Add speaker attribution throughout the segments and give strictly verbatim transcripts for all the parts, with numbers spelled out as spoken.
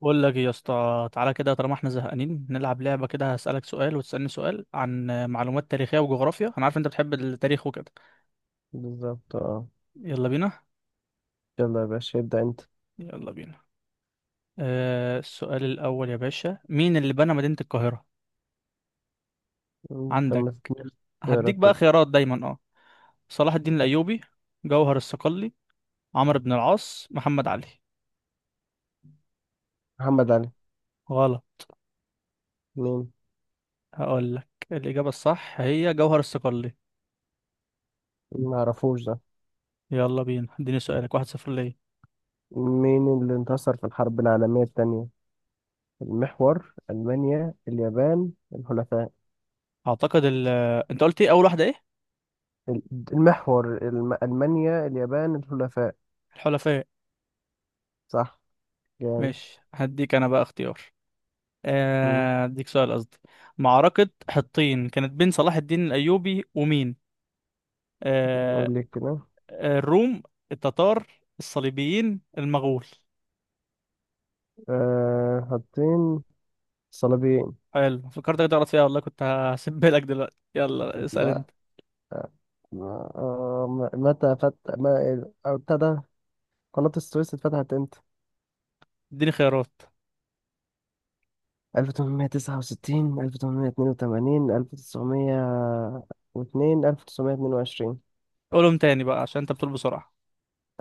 Speaker 1: بقول لك إيه يا اسطى، تعالى كده، طالما احنا زهقانين نلعب لعبه كده. هسألك سؤال وتسألني سؤال عن معلومات تاريخيه وجغرافيا، انا عارف انت بتحب التاريخ وكده.
Speaker 2: بالظبط اه.
Speaker 1: يلا بينا.
Speaker 2: يلا يا باشا ابدأ انت.
Speaker 1: يلا بينا. آه السؤال الاول يا باشا، مين اللي بنى مدينه القاهره؟
Speaker 2: انت
Speaker 1: عندك.
Speaker 2: ما تتنفس. تقرا
Speaker 1: هديك بقى
Speaker 2: كده.
Speaker 1: خيارات دايما. اه، صلاح الدين الايوبي، جوهر الصقلي، عمرو بن العاص، محمد علي.
Speaker 2: محمد علي.
Speaker 1: غلط.
Speaker 2: مين؟
Speaker 1: هقول لك الاجابه الصح هي جوهر الصقلي.
Speaker 2: ما اعرفوش ده.
Speaker 1: يلا بينا، اديني سؤالك. واحد صفر ليه.
Speaker 2: مين اللي انتصر في الحرب العالمية الثانية؟ المحور، ألمانيا، اليابان، الحلفاء.
Speaker 1: اعتقد ال آه، انت قلت ايه، اول واحده ايه؟
Speaker 2: ال- المحور، الم... ألمانيا، اليابان، الحلفاء.
Speaker 1: الحلفاء.
Speaker 2: صح. جامد.
Speaker 1: ماشي، هديك انا بقى اختيار.
Speaker 2: مم.
Speaker 1: آه، هديك سؤال قصدي. معركة حطين كانت بين صلاح الدين الأيوبي ومين؟ آه،
Speaker 2: قول لي كده.
Speaker 1: آه، الروم، التتار، الصليبيين، المغول.
Speaker 2: أه حاطين. صليبيين.
Speaker 1: حلو، فكرتك تغلط فيها والله، كنت هسيبها لك دلوقتي. يلا اسأل
Speaker 2: لا.
Speaker 1: انت.
Speaker 2: آه، آه، متى فت ما ابتدى قناة السويس اتفتحت امتى؟
Speaker 1: اديني خيارات.
Speaker 2: ألف تمنمية تسعة وستين، ألف تمنمية اتنين وتمانين، ألف تسعمية واتنين، ألف تسعمية اتنين وعشرين.
Speaker 1: قولهم تاني بقى عشان انت بتقول بسرعة.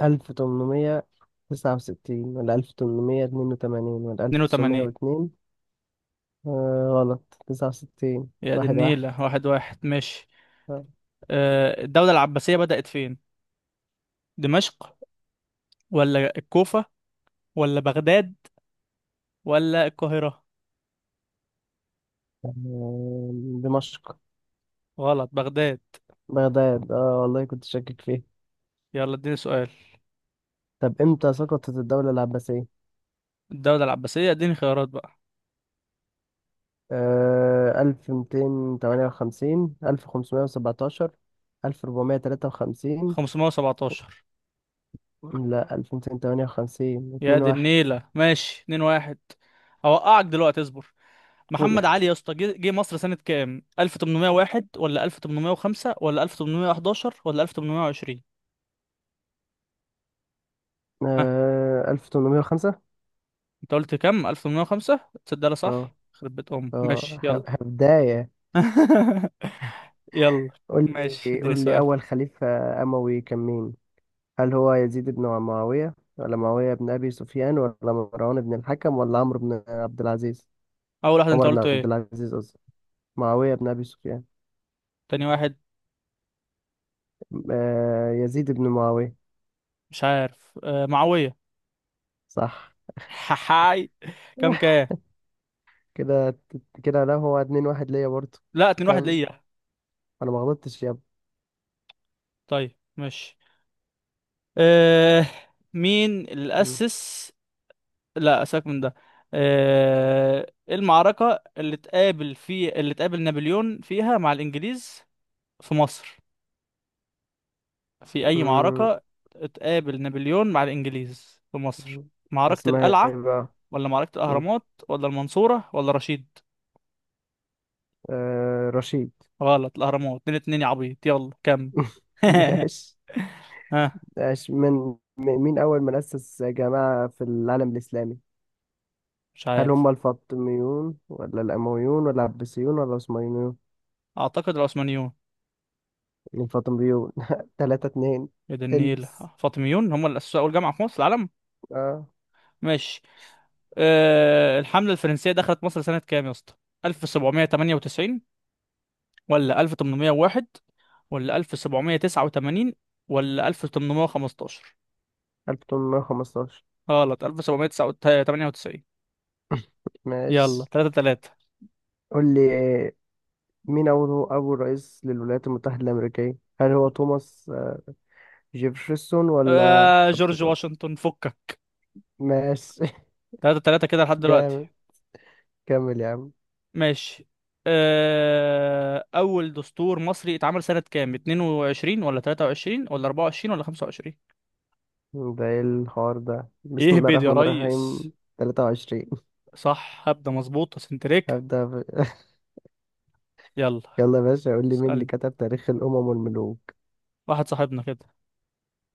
Speaker 2: ألف تمنمية تسعة وستين ولا ألف تمنمية اتنين وتمانين ولا ألف تسعمية
Speaker 1: اتنين وتمانين.
Speaker 2: واتنين آه، غلط. تسعة وستين.
Speaker 1: يا دي
Speaker 2: واحد واحد.
Speaker 1: النيلة، واحد واحد ماشي.
Speaker 2: آه،
Speaker 1: آه، الدولة العباسية بدأت فين؟ دمشق، ولا الكوفة، ولا بغداد، ولا القاهرة؟
Speaker 2: دمشق.
Speaker 1: غلط، بغداد.
Speaker 2: بغداد. اه، والله كنت شاكك فيه.
Speaker 1: يلا اديني سؤال.
Speaker 2: طب امتى سقطت الدولة العباسية؟
Speaker 1: الدولة العباسية، اديني خيارات بقى.
Speaker 2: آه ألف ميتين تمانية وخمسين، ألف خمسمية وسبعتاشر، ألف ربعمية تلاتة وخمسين.
Speaker 1: خمسمية وسبعتاشر.
Speaker 2: لا، ألف تسعمية تمانية وخمسين.
Speaker 1: يا
Speaker 2: 2
Speaker 1: دي
Speaker 2: 1
Speaker 1: النيلة، ماشي، اتنين واحد. هوقعك دلوقتي، اصبر.
Speaker 2: قول يا
Speaker 1: محمد علي
Speaker 2: أخي.
Speaker 1: يا اسطى، جه جه مصر سنة كام؟ ألف وتمنمية وواحد ولا ألف وتمنمية وخمسة ولا ألف وتمنمية وحداشر ولا ألف وتمنمية وعشرين؟ ها،
Speaker 2: آه ألف تمنمية وخمسة.
Speaker 1: انت قلت كام؟ ألف وتمنمية وخمسة. تصدق ده
Speaker 2: اه.
Speaker 1: صح، خرب بيت امك. ماشي
Speaker 2: اه،
Speaker 1: يلا.
Speaker 2: ه- بداية.
Speaker 1: يلا.
Speaker 2: قول.
Speaker 1: ماشي،
Speaker 2: لي
Speaker 1: اديني
Speaker 2: قول لي
Speaker 1: سؤال.
Speaker 2: أول خليفة أموي كان مين؟ هل هو يزيد بن معاوية ولا معاوية بن أبي سفيان ولا مروان بن الحكم ولا عمرو بن عبد العزيز؟
Speaker 1: اول واحد انت
Speaker 2: عمر بن
Speaker 1: قلته
Speaker 2: عبد
Speaker 1: ايه؟
Speaker 2: العزيز قصدي. معاوية بن أبي سفيان.
Speaker 1: تاني واحد.
Speaker 2: آه، يزيد بن معاوية.
Speaker 1: مش عارف. آه معاوية.
Speaker 2: صح.
Speaker 1: حاي. كام كام؟
Speaker 2: كده. كده، لا، هو اتنين واحد ليا برضه.
Speaker 1: لا، اتنين واحد
Speaker 2: كان
Speaker 1: ليا.
Speaker 2: أنا ما غلطتش يا
Speaker 1: طيب ماشي. آه مين اللي أسس، لا سيبك من ده. آه إيه المعركة اللي تقابل في اللي تقابل نابليون فيها مع الإنجليز في مصر، في أي
Speaker 2: ابني.
Speaker 1: معركة؟ تقابل نابليون مع الإنجليز في مصر.
Speaker 2: مم.
Speaker 1: معركة
Speaker 2: اسمها ايه
Speaker 1: القلعة،
Speaker 2: بقى؟
Speaker 1: ولا معركة
Speaker 2: مم.
Speaker 1: الأهرامات، ولا المنصورة، ولا رشيد؟
Speaker 2: آه رشيد.
Speaker 1: غلط، الأهرامات. اتنين اتنين يا عبيط. يلا كمل.
Speaker 2: ماشي.
Speaker 1: ها.
Speaker 2: ماشي من م- مين أول من أسس جماعة في العالم الإسلامي؟
Speaker 1: مش
Speaker 2: هل
Speaker 1: عارف،
Speaker 2: هم الفاطميون ولا الأمويون ولا العباسيون ولا العثمانيون؟
Speaker 1: أعتقد العثمانيون.
Speaker 2: الفاطميون. تلاتة اتنين.
Speaker 1: يا دي النيل.
Speaker 2: البس.
Speaker 1: فاطميون هم اللي أسسوا أول جامعة في مصر العالم.
Speaker 2: اه،
Speaker 1: ماشي. آه، الحملة الفرنسية دخلت مصر سنة كام يا اسطى؟ ألف وسبعمية وتمانية وتسعين ولا ألف وتمنمية وواحد ولا ألف وسبعمية وتسعة وتمانين ولا ألف وتمنمية وخمستاشر؟
Speaker 2: ألف تمنمية خمستاشر.
Speaker 1: غلط، ألف وسبعمية وتمانية وتسعين. يلا
Speaker 2: ماشي.
Speaker 1: تلاتة تلاتة.
Speaker 2: قول لي. آه، مين أول أول رئيس للولايات المتحدة الأمريكية؟ هل هو توماس، آه، جيفرسون ولا
Speaker 1: آه جورج
Speaker 2: أبرام؟
Speaker 1: واشنطن، فكك.
Speaker 2: ماشي.
Speaker 1: تلاتة تلاتة كده لحد دلوقتي.
Speaker 2: جامد. كمل يا عم.
Speaker 1: ماشي. آه أول دستور مصري اتعمل سنة كام؟ اتنين وعشرين ولا تلاتة وعشرين ولا أربعة وعشرين ولا خمسة وعشرين؟
Speaker 2: ده ايه الحوار ده؟ بسم
Speaker 1: ايه
Speaker 2: الله
Speaker 1: بيد يا
Speaker 2: الرحمن
Speaker 1: ريس؟
Speaker 2: الرحيم. ثلاثة وعشرين.
Speaker 1: صح، هبدأ مظبوطة سنتريكا.
Speaker 2: هبدأ. ب...
Speaker 1: يلا
Speaker 2: يلا يا باشا، قول لي مين اللي
Speaker 1: اسألني.
Speaker 2: كتب تاريخ الأمم والملوك.
Speaker 1: واحد صاحبنا كده.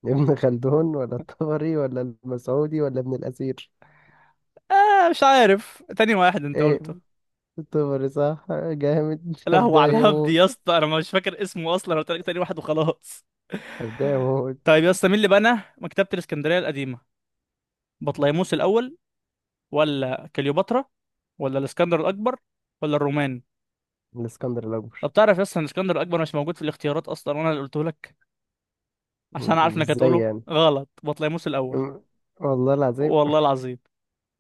Speaker 2: ابن خلدون ولا الطبري ولا المسعودي ولا ابن الأثير؟
Speaker 1: آه مش عارف، تاني واحد انت
Speaker 2: ايه؟
Speaker 1: قلته.
Speaker 2: الطبري. صح. جامد.
Speaker 1: القهوة على
Speaker 2: هبدأ
Speaker 1: الهبد
Speaker 2: يموت.
Speaker 1: يا اسطى، انا مش فاكر اسمه اصلا، انا قلت لك تاني واحد وخلاص.
Speaker 2: هبدأ يموت.
Speaker 1: طيب يا اسطى، مين اللي بنى مكتبة الاسكندرية القديمة؟ بطليموس الاول، ولا كليوباترا، ولا الاسكندر الاكبر، ولا الرومان؟
Speaker 2: الإسكندر الأكبر.
Speaker 1: طب تعرف يا اسطى ان الاسكندر الاكبر مش موجود في الاختيارات اصلا، وانا اللي قلته لك عشان عارف
Speaker 2: م-
Speaker 1: انك
Speaker 2: ازاي
Speaker 1: هتقوله.
Speaker 2: يعني؟
Speaker 1: غلط، بطليموس الاول.
Speaker 2: م- والله العظيم.
Speaker 1: والله العظيم.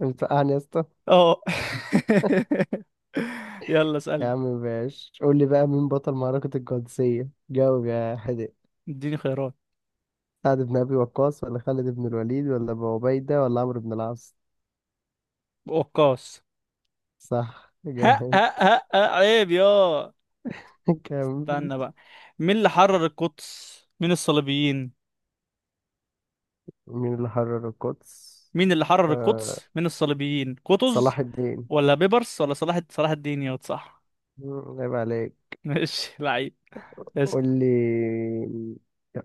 Speaker 2: بتوقعني يا اسطى.
Speaker 1: اه. يلا
Speaker 2: يا
Speaker 1: اسألني.
Speaker 2: عم باش، قول لي بقى مين بطل معركة القادسية. جاوب يا حدق.
Speaker 1: اديني خيارات.
Speaker 2: سعد بن أبي وقاص ولا خالد بن الوليد ولا أبو عبيدة ولا عمرو بن العاص؟
Speaker 1: وقاص.
Speaker 2: صح.
Speaker 1: ها
Speaker 2: جامد.
Speaker 1: ها ها ها، عيب يا.
Speaker 2: كمل.
Speaker 1: استنى بقى. مين اللي حرر القدس من الصليبيين؟
Speaker 2: مين اللي حرر القدس؟
Speaker 1: مين اللي حرر
Speaker 2: آه،
Speaker 1: القدس من الصليبيين؟ قطز،
Speaker 2: صلاح الدين.
Speaker 1: ولا بيبرس، ولا صلاح صلاح الدين يا صح؟
Speaker 2: مم، عيب عليك.
Speaker 1: ماشي لعيب.
Speaker 2: قول
Speaker 1: اسأل.
Speaker 2: لي.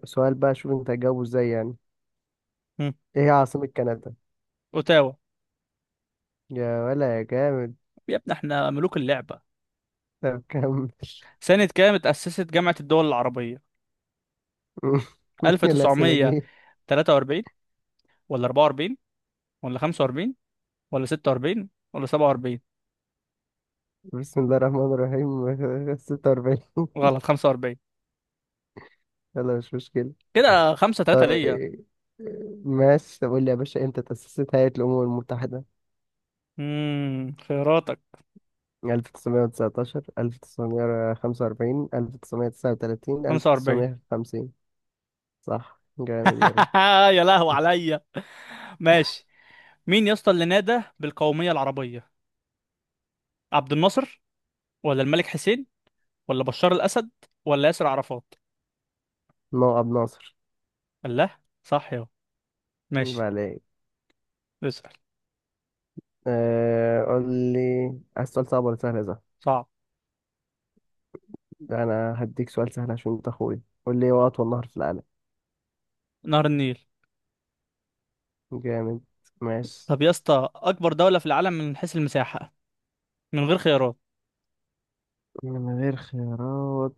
Speaker 2: سؤال بقى، شوف انت هتجاوبه ازاي يعني.
Speaker 1: هم.
Speaker 2: ايه هي عاصمة كندا؟
Speaker 1: اوتاوا.
Speaker 2: يا ولا يا جامد.
Speaker 1: يا ابني، احنا ملوك اللعبة.
Speaker 2: طب كمل.
Speaker 1: سنة كام اتأسست جامعة الدول العربية؟
Speaker 2: الأسئلة دي
Speaker 1: ألف وتسعمية وتلاتة وأربعين ولا أربعة وأربعين ولا خمسة وأربعين ولا ستة وأربعين ولا سبعة وأربعين؟
Speaker 2: بسم الله الرحمن الرحيم. ستة وأربعين.
Speaker 1: غلط، خمسة وأربعين.
Speaker 2: يلا، مش مشكلة.
Speaker 1: كده خمسة تلاتة ليا.
Speaker 2: طيب. ماشي، طب قول لي يا باشا، امتى تأسست هيئة الأمم المتحدة؟
Speaker 1: امم خياراتك.
Speaker 2: ألف تسعمائة وتسعة عشر، ألف تسعمائة وخمسة وأربعين، ألف تسعمائة وتسعة وثلاثين،
Speaker 1: خمسة وأربعين.
Speaker 2: ألف تسعمية وخمسين؟ صح. جامد. يلا.
Speaker 1: يا لهو عليا. ماشي. مين يا اسطى اللي نادى بالقومية العربية؟ عبد الناصر، ولا الملك حسين، ولا بشار الأسد، ولا ياسر عرفات؟
Speaker 2: نوع أبو ناصر.
Speaker 1: الله، صح يا.
Speaker 2: يبقى
Speaker 1: ماشي.
Speaker 2: عليك.
Speaker 1: اسأل.
Speaker 2: أه قول لي. عايز سؤال صعب ولا سهل يا زهر؟
Speaker 1: صعب.
Speaker 2: ده أنا هديك سؤال سهل عشان أنت أخويا. قول لي، إيه هو أطول نهر في العالم؟
Speaker 1: نهر النيل.
Speaker 2: جامد. ماشي.
Speaker 1: طب يا اسطى، أكبر دولة في العالم من حيث المساحة، من غير خيارات.
Speaker 2: من غير خيارات.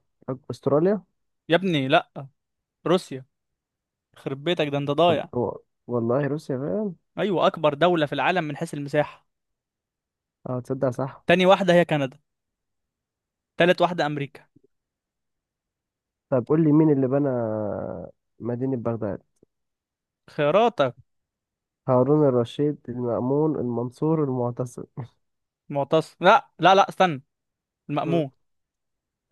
Speaker 2: أستراليا.
Speaker 1: يا ابني لا، روسيا. خرب بيتك، ده انت ضايع.
Speaker 2: وال- والله روسيا فعلا.
Speaker 1: أيوة، أكبر دولة في العالم من حيث المساحة.
Speaker 2: اه، تصدق، صح.
Speaker 1: تاني واحدة هي كندا، تالت واحدة أمريكا.
Speaker 2: طب قول لي مين اللي بنى مدينة بغداد.
Speaker 1: خياراتك.
Speaker 2: هارون الرشيد، المأمون، المنصور، المعتصم؟
Speaker 1: معتصم، لا لا لا، استنى،
Speaker 2: مم.
Speaker 1: المأمون.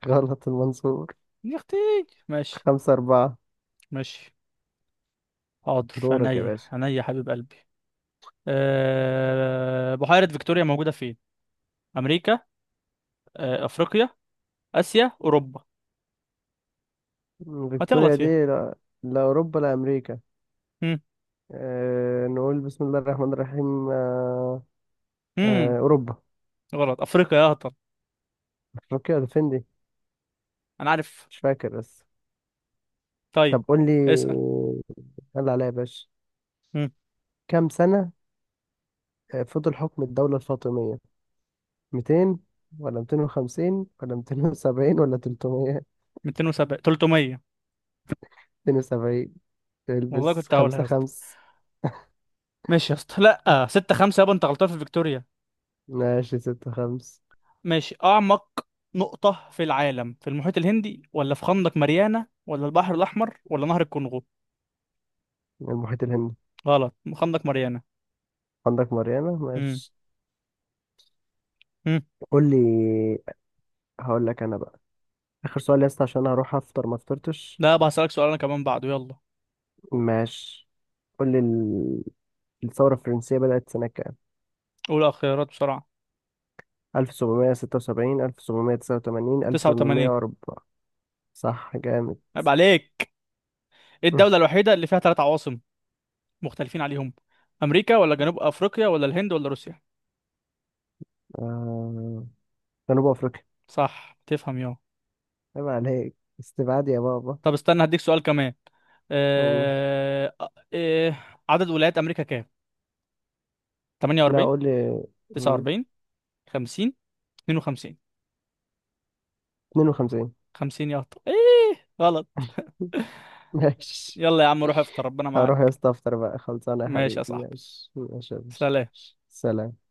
Speaker 2: غلط. المنصور.
Speaker 1: يا اختي. ماشي
Speaker 2: خمسة أربعة.
Speaker 1: ماشي. حاضر،
Speaker 2: دورك يا
Speaker 1: عينيا
Speaker 2: باشا.
Speaker 1: عينيا يا حبيب قلبي. أه... بحيرة فيكتوريا موجودة فين؟ أمريكا، أه... أفريقيا، آسيا، أوروبا؟
Speaker 2: مم،
Speaker 1: هتغلط
Speaker 2: فيكتوريا
Speaker 1: فيها.
Speaker 2: دي لا. لا، أوروبا. لا، أمريكا.
Speaker 1: هم
Speaker 2: أه نقول بسم الله الرحمن الرحيم. أه
Speaker 1: هم
Speaker 2: أه أوروبا.
Speaker 1: غلط، أفريقيا يا هطل.
Speaker 2: أفريقيا؟ ولا فين دي.
Speaker 1: أنا عارف.
Speaker 2: مش فاكر بس.
Speaker 1: طيب.
Speaker 2: طب قول لي.
Speaker 1: اسأل.
Speaker 2: يلا عليا يا باشا.
Speaker 1: هم
Speaker 2: كم سنة آه، فضل حكم الدولة الفاطمية؟ ميتين ولا ميتين وخمسين ولا ميتين وسبعين ولا تلتمية؟
Speaker 1: ميتين وسبعة، تلتمية.
Speaker 2: اتنين وسبعين.
Speaker 1: والله
Speaker 2: تلبس.
Speaker 1: كنت هقولها
Speaker 2: خمسة
Speaker 1: يا اسطى.
Speaker 2: خمس
Speaker 1: ماشي يا اسطى. لأ ستة خمسة يابا، أنت غلطان في فيكتوريا.
Speaker 2: ماشي ستة خمس.
Speaker 1: ماشي. أعمق نقطة في العالم، في المحيط الهندي، ولا في خندق ماريانا، ولا البحر الأحمر، ولا نهر الكونغو؟
Speaker 2: المحيط الهندي.
Speaker 1: غلط، خندق ماريانا.
Speaker 2: عندك مريانة.
Speaker 1: هم
Speaker 2: ماشي.
Speaker 1: هم
Speaker 2: قول لي. هقول لك أنا بقى. آخر سؤال يا اسطى، عشان هروح أفطر، ما فطرتش.
Speaker 1: لا بقى، هسألك سؤال أنا كمان بعده. يلا،
Speaker 2: ماشي. قول لي ال- الثورة الفرنسية بدأت سنة كام؟
Speaker 1: أولى الخيارات بسرعة.
Speaker 2: ألف سبعمية ستة وسبعين، ألف سبعمية تسعة وتمانين،
Speaker 1: تسعة وتمانين.
Speaker 2: ألف تمنمية وأربعة؟ صح. جامد.
Speaker 1: عيب عليك. إيه الدولة الوحيدة اللي فيها ثلاث عواصم، مختلفين عليهم؟ أمريكا، ولا جنوب أفريقيا، ولا الهند، ولا روسيا؟
Speaker 2: آه، جنوب أفريقيا.
Speaker 1: صح، تفهم يا.
Speaker 2: عيب عليك. استبعاد يا بابا.
Speaker 1: طب استنى، هديك سؤال كمان.
Speaker 2: قول.
Speaker 1: آه... آه... آه، عدد ولايات أمريكا كام؟
Speaker 2: لا،
Speaker 1: تمانية وأربعين،
Speaker 2: قول لي. مم،
Speaker 1: تسعة وأربعين، خمسين، اتنين وخمسين.
Speaker 2: اتنين وخمسين.
Speaker 1: خمسين يا أخطأ. ايه غلط.
Speaker 2: ماشي.
Speaker 1: يلا يا عم، روح افطر، ربنا
Speaker 2: هروح يا
Speaker 1: معاك.
Speaker 2: اسطى افطر بقى. خلصانه يا
Speaker 1: ماشي يا
Speaker 2: حبيبي.
Speaker 1: صاحبي.
Speaker 2: ماشي ماشي يا باشا.
Speaker 1: سلام.
Speaker 2: سلام.